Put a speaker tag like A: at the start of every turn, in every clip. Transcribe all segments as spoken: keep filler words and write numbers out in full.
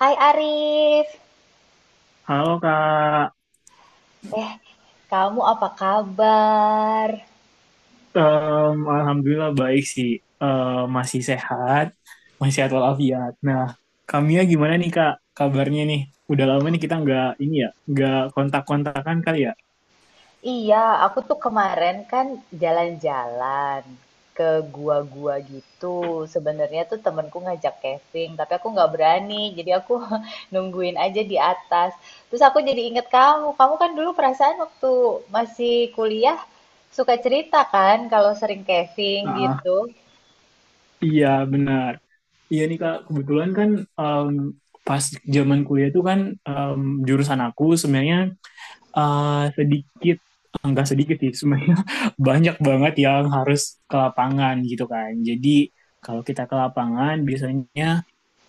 A: Hai Arif,
B: Halo Kak.
A: eh kamu apa kabar?
B: Em, Alhamdulillah baik sih. Em, masih sehat, masih sehat walafiat. Nah, Kamia gimana nih Kak, kabarnya nih? Udah lama nih kita nggak ini ya, nggak kontak-kontakan kali ya?
A: Iya, aku tuh kemarin kan jalan-jalan ke gua-gua gitu. Sebenarnya tuh temenku ngajak camping, tapi aku nggak berani. Jadi aku nungguin aja di atas. Terus aku jadi inget kamu. Kamu kan dulu perasaan waktu masih kuliah suka cerita kan kalau sering camping
B: Ah,
A: gitu.
B: iya benar. Iya nih Kak, kebetulan kan em, pas zaman kuliah tuh kan em, jurusan aku sebenarnya eh, sedikit, enggak sedikit sih, sebenarnya banyak banget yang harus ke lapangan gitu kan. Jadi kalau kita ke lapangan biasanya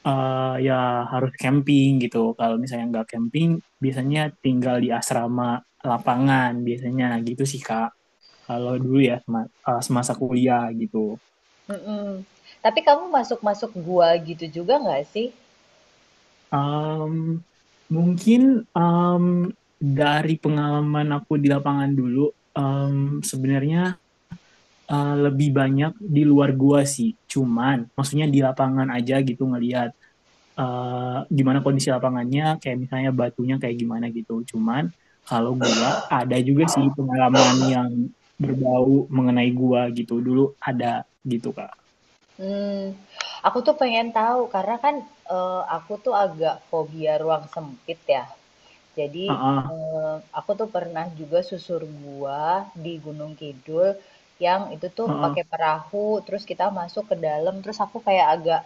B: eh ya harus camping gitu. Kalau misalnya nggak camping, biasanya tinggal di asrama lapangan biasanya gitu sih Kak. Kalau dulu ya sema- eh, semasa kuliah gitu.
A: Mm-mm. Tapi kamu masuk-masuk gua gitu juga nggak sih?
B: Em, Mungkin em, dari pengalaman aku di lapangan dulu, em, sebenarnya eh, lebih banyak di luar gua sih. Cuman maksudnya di lapangan aja gitu ngelihat, eh, gimana kondisi lapangannya, kayak misalnya batunya kayak gimana gitu. Cuman kalau gua ada juga sih pengalaman yang berbau mengenai gua gitu. Dulu ada gitu, Kak.
A: Hmm, aku tuh pengen tahu karena kan, eee, aku tuh agak fobia ruang sempit ya. Jadi,
B: Heeh,
A: eee, aku tuh pernah juga susur gua di Gunung Kidul yang itu tuh
B: heeh.
A: pakai perahu, terus kita masuk ke dalam, terus aku kayak agak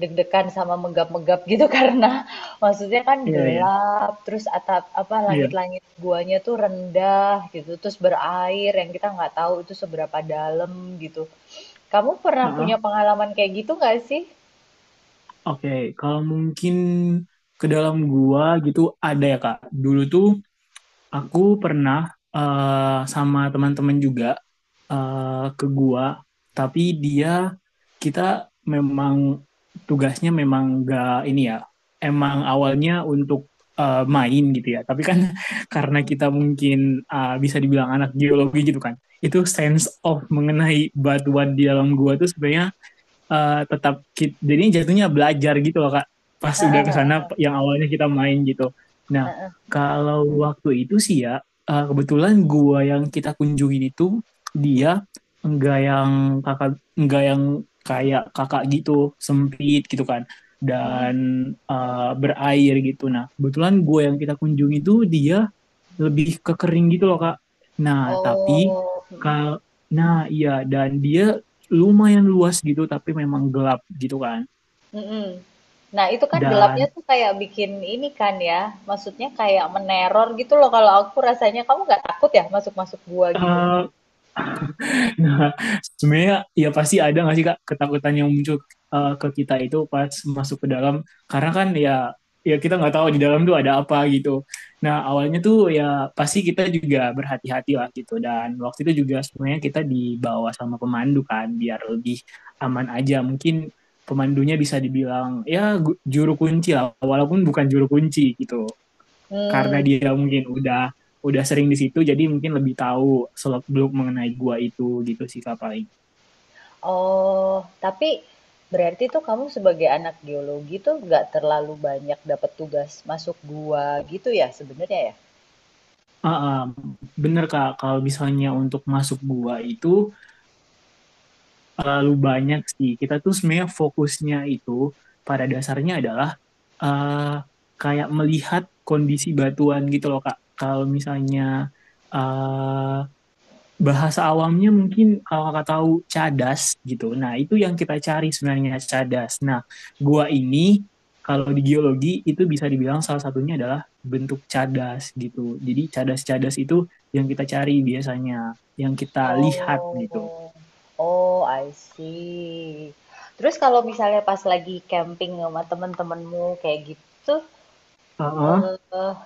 A: deg-degan sama menggap-menggap gitu karena maksudnya kan
B: Iya, iya.
A: gelap, terus atap apa,
B: Iya.
A: langit-langit guanya tuh rendah gitu, terus berair yang kita nggak tahu itu seberapa dalam gitu. Kamu pernah punya
B: Heeh.
A: pengalaman kayak gitu nggak sih?
B: Oke, kalau mungkin ke dalam gua gitu ada ya, Kak. Dulu tuh aku pernah, eh, sama teman-teman juga, eh, ke gua, tapi dia kita memang tugasnya memang gak ini ya, emang awalnya untuk eh, main gitu ya. Tapi kan karena kita mungkin eh, bisa dibilang anak geologi gitu kan, itu sense of mengenai batuan di dalam gua tuh sebenarnya eh, tetap ki- jadinya jatuhnya belajar gitu loh Kak. Pas udah
A: Heeh,
B: kesana yang awalnya kita main gitu. Nah,
A: heeh, heeh.
B: kalau waktu itu sih ya, eh, kebetulan gua yang kita kunjungin itu dia enggak yang kakak, enggak yang kayak kakak gitu sempit gitu kan, dan
A: Mhm.
B: eh, berair gitu. Nah, kebetulan gue yang kita kunjungi itu dia lebih ke kering gitu loh Kak. Nah tapi
A: Oh, mhm,
B: kal nah iya, dan dia lumayan luas gitu tapi memang gelap gitu kan.
A: mhm. Nah, itu kan gelapnya
B: Dan
A: tuh kayak bikin ini kan ya, maksudnya kayak meneror gitu loh kalau aku rasanya. Kamu nggak takut ya masuk-masuk gua gitu?
B: eh, Nah, sebenarnya ya pasti ada nggak sih Kak ketakutan yang muncul eh, ke kita itu pas masuk ke dalam, karena kan ya ya kita nggak tahu di dalam tuh ada apa gitu. Nah, awalnya tuh ya pasti kita juga berhati-hati lah gitu, dan waktu itu juga sebenarnya kita dibawa sama pemandu kan biar lebih aman aja. Mungkin pemandunya bisa dibilang ya, gu- juru kunci lah walaupun bukan juru kunci gitu, karena
A: Hmm.
B: dia mungkin udah udah sering di situ, jadi mungkin lebih tahu seluk beluk mengenai gua itu gitu sih Kak paling.
A: oh, tapi berarti tuh kamu sebagai anak geologi tuh nggak terlalu banyak dapat tugas masuk gua gitu ya sebenarnya ya?
B: Ah, ah, bener Kak, kalau misalnya untuk masuk gua itu terlalu banyak sih, kita tuh sebenarnya fokusnya itu pada dasarnya adalah eh kayak melihat kondisi batuan gitu loh Kak. Kalau misalnya, eh bahasa awamnya, mungkin kalau kakak tahu, cadas gitu. Nah, itu yang kita cari sebenarnya, cadas. Nah, gua ini kalau di geologi itu bisa dibilang salah satunya adalah bentuk cadas gitu. Jadi cadas-cadas itu yang kita cari biasanya, yang kita lihat gitu.
A: Oh. Oh, I see. Terus kalau misalnya pas lagi camping sama temen-temenmu kayak gitu,
B: Heeh.
A: eh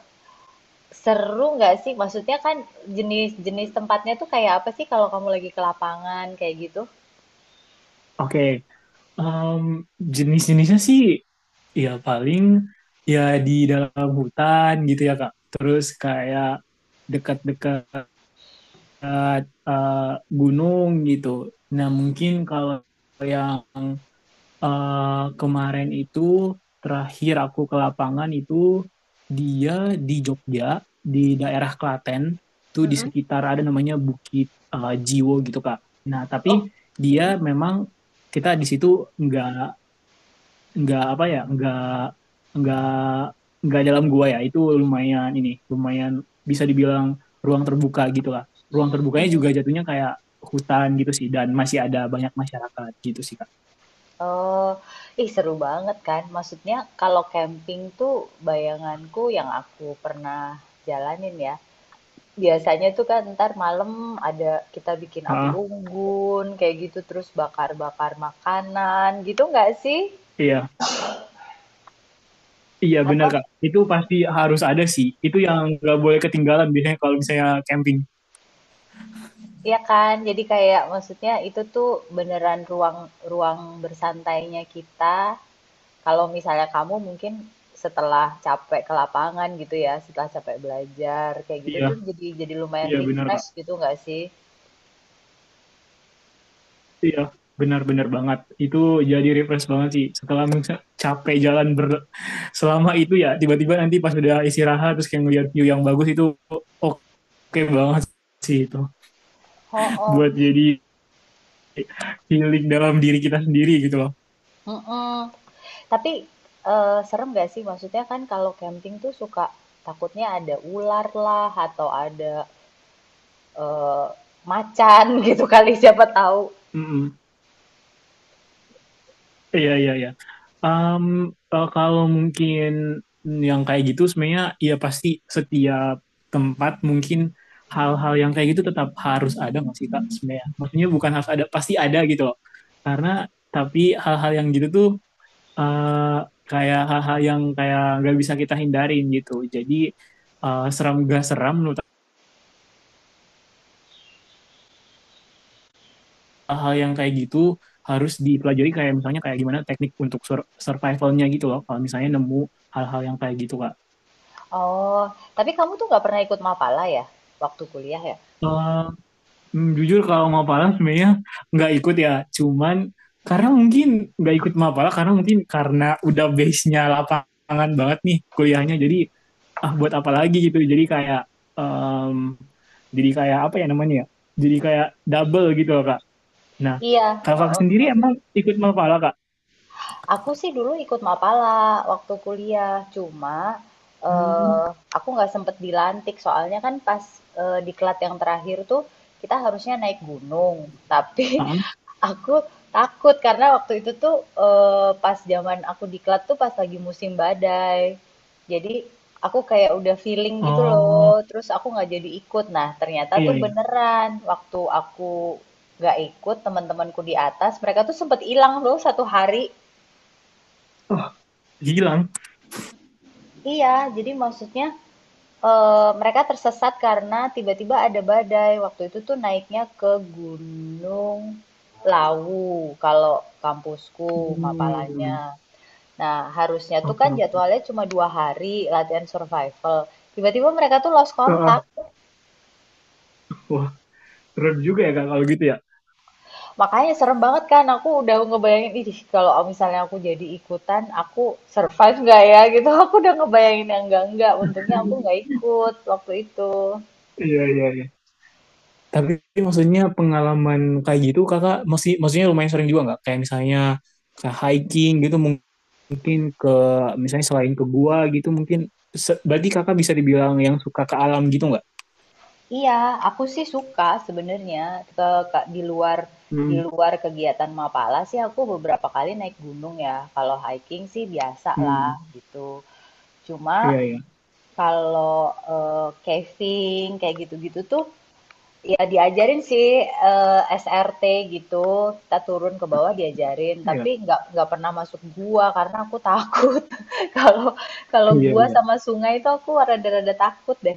A: seru nggak sih? Maksudnya kan jenis-jenis tempatnya tuh kayak apa sih kalau kamu lagi ke lapangan kayak gitu?
B: Oke. Em, Jenis-jenisnya sih ya paling ya di dalam hutan gitu ya Kak. Terus kayak dekat-dekat eh, eh, gunung gitu. Nah, mungkin kalau yang eh, kemarin itu terakhir aku ke lapangan itu dia di Jogja, di daerah Klaten, itu di
A: Mm-mm.
B: sekitar ada namanya Bukit eh, Jiwo gitu, Kak. Nah,
A: Oh,
B: tapi
A: Mm-mm.
B: dia memang kita di situ nggak nggak apa ya nggak nggak nggak dalam gua ya, itu lumayan ini lumayan bisa dibilang ruang terbuka gitu lah. Ruang terbukanya juga
A: mm.
B: jatuhnya kayak hutan gitu sih, dan masih ada banyak masyarakat gitu sih Kak.
A: Oh, ih seru banget kan? Maksudnya kalau camping tuh bayanganku yang aku pernah jalanin ya, Biasanya tuh kan ntar malam ada kita bikin api
B: Ah,
A: unggun kayak gitu terus bakar-bakar makanan gitu nggak sih?
B: iya, iya benar
A: Atau
B: Kak, itu pasti harus ada sih, itu yang nggak boleh ketinggalan biasanya kalau misalnya camping.
A: ya kan? Jadi kayak maksudnya itu tuh beneran ruang ruang bersantainya kita. Kalau misalnya kamu mungkin setelah capek ke lapangan gitu ya, setelah capek belajar kayak gitu tuh
B: Iya,
A: jadi jadi lumayan
B: iya benar Kak,
A: refresh gitu nggak sih?
B: iya, benar-benar banget itu, jadi refresh banget sih setelah misalnya capek jalan ber selama itu ya, tiba-tiba nanti pas udah istirahat terus kayak ngeliat view yang bagus itu, oke, okay banget sih itu
A: Oh, oh.
B: buat jadi healing dalam diri kita sendiri gitu loh.
A: Mm-mm. Tapi, eee, serem nggak sih? Maksudnya kan kalau camping tuh suka takutnya ada ular lah atau ada, eee, macan gitu kali siapa tahu.
B: Mm-mm. Iya, iya, iya. Um, eh, kalau mungkin yang kayak gitu sebenarnya ya pasti setiap tempat mungkin hal-hal yang kayak gitu tetap harus ada nggak sih Kak sebenarnya? Maksudnya bukan harus ada, pasti ada gitu loh. Karena tapi hal-hal yang gitu tuh eh, kayak hal-hal yang kayak nggak bisa kita hindarin gitu. Jadi eh, seram gak seram menurut aku, hal yang kayak gitu harus dipelajari kayak misalnya kayak gimana teknik untuk sur- survivalnya gitu loh. Kalau misalnya nemu hal-hal yang kayak gitu Kak.
A: Oh, tapi kamu tuh nggak pernah ikut Mapala ya? Waktu kuliah ya?
B: Eh, hmm, Jujur kalau Mapala sebenarnya nggak ikut ya. Cuman karena mungkin nggak ikut Mapala, karena mungkin karena udah base-nya lapangan banget nih kuliahnya. Jadi ah buat apa lagi gitu, jadi kayak em, jadi kayak apa ya namanya ya, jadi kayak double gitu loh Kak. Nah
A: Iya,
B: kakak
A: heeh
B: sendiri emang ikut Mapala Kak?
A: Aku sih dulu ikut Mapala waktu kuliah, cuma,
B: Hmm.
A: eee, aku nggak sempet dilantik soalnya kan pas, eee, diklat yang terakhir tuh kita harusnya naik gunung, tapi
B: Ah.
A: Aku takut karena waktu itu tuh, eee, pas zaman aku diklat tuh pas lagi musim badai. Jadi aku kayak udah feeling gitu
B: Oh,
A: loh, terus aku nggak jadi ikut. Nah, ternyata
B: iya,
A: tuh
B: iya.
A: beneran waktu aku nggak ikut, teman-temanku di atas mereka tuh sempet hilang loh satu hari.
B: Oh, hilang.
A: Iya, jadi maksudnya, eee, mereka tersesat karena tiba-tiba ada badai. Waktu itu tuh naiknya ke Gunung Lawu kalau kampusku
B: Hmm.
A: Mapalanya. Nah, harusnya tuh
B: Oke,
A: kan
B: oke.
A: jadwalnya cuma dua hari latihan survival. Tiba-tiba mereka tuh lost
B: Ah,
A: kontak.
B: ah, wah keren juga ya Kak kalau gitu ya.
A: Makanya serem banget kan. Aku udah ngebayangin, ih kalau misalnya aku jadi ikutan, aku survive nggak ya gitu. Aku udah ngebayangin yang enggak-enggak. Untungnya aku nggak ikut waktu itu.
B: Iya, iya, iya. Tapi maksudnya pengalaman kayak gitu kakak masih maksudnya lumayan sering juga nggak? Kayak misalnya kayak hiking gitu mungkin ke misalnya selain ke gua gitu mungkin berarti kakak bisa dibilang yang suka ke alam gitu nggak?
A: Iya, aku sih suka sebenarnya ke, ke- di luar di
B: Hmm,
A: luar kegiatan Mapala sih aku beberapa kali naik gunung ya. Kalau hiking sih biasa lah
B: hmm,
A: gitu. Cuma
B: iya iya
A: kalau eh, casing kayak gitu-gitu tuh ya diajarin sih eh, S R T gitu kita turun ke bawah diajarin
B: iya
A: tapi nggak nggak pernah masuk gua karena aku takut. kalau kalau
B: iya
A: gua
B: iya.
A: sama sungai itu aku rada-rada takut deh.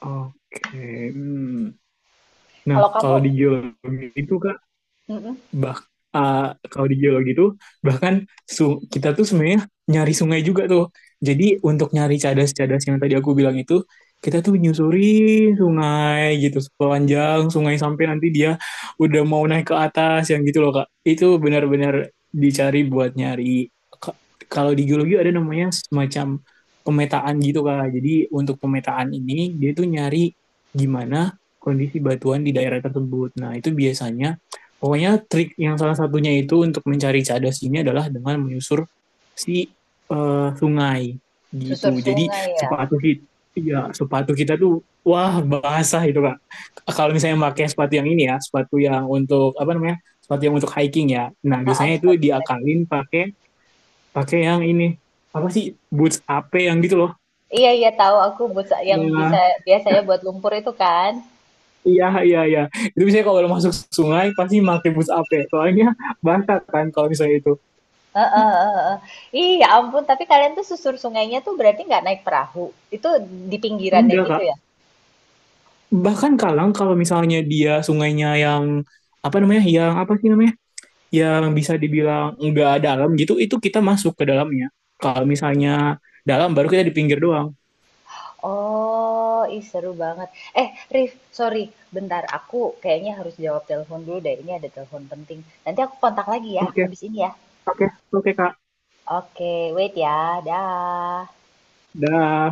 B: Oke. Hmm. Nah
A: Kalau kamu
B: kalau di geologi itu
A: Mm-mm.
B: bah uh, kalau di geologi itu bahkan su- kita tuh sebenarnya nyari sungai juga tuh. Jadi untuk nyari cadas-cadas yang tadi aku bilang itu, kita tuh menyusuri sungai gitu, sepanjang sungai sampai nanti dia udah mau naik ke atas yang gitu loh Kak. Itu benar-benar dicari buat nyari. Ka- Kalau di geologi ada namanya semacam pemetaan gitu Kak. Jadi untuk pemetaan ini dia tuh nyari gimana kondisi batuan di daerah tersebut. Nah, itu biasanya pokoknya trik yang salah satunya itu untuk mencari cadas ini adalah dengan menyusur si eh, sungai
A: Susur
B: gitu. Jadi
A: sungai ya.
B: sepatu kita, ya sepatu kita tuh wah basah itu Kak. Kalau misalnya pakai sepatu yang ini ya, sepatu yang untuk apa namanya, sepatu yang untuk hiking ya. Nah
A: Ah, ah,
B: biasanya itu
A: sepatu trek.
B: diakalin pakai pakai yang ini apa sih, boots A P yang gitu loh.
A: iya iya tahu aku buat sa- yang bisa
B: Nah,
A: biasanya buat lumpur itu kan.
B: iya, iya, iya. Itu biasanya kalau masuk sungai pasti pakai boots A P. Soalnya basah kan kalau misalnya itu.
A: Heeh, heeh, heeh. Ih, ya ampun, tapi kalian tuh susur sungainya tuh berarti nggak naik perahu. Itu di pinggirannya
B: Enggak
A: gitu
B: Kak,
A: ya?
B: bahkan Kalang kalau misalnya dia sungainya yang apa namanya, yang apa sih namanya, yang bisa dibilang nggak dalam gitu itu kita masuk ke dalamnya. Kalau misalnya dalam baru kita di pinggir doang.
A: Oh, ih seru banget. Eh, Rif, sorry, bentar. Aku kayaknya harus jawab telepon dulu deh. Ini ada telepon penting. Nanti aku kontak lagi ya,
B: Oke,
A: abis ini ya.
B: oke, oke Kak.
A: Oke, wait ya. Dah.
B: Dah.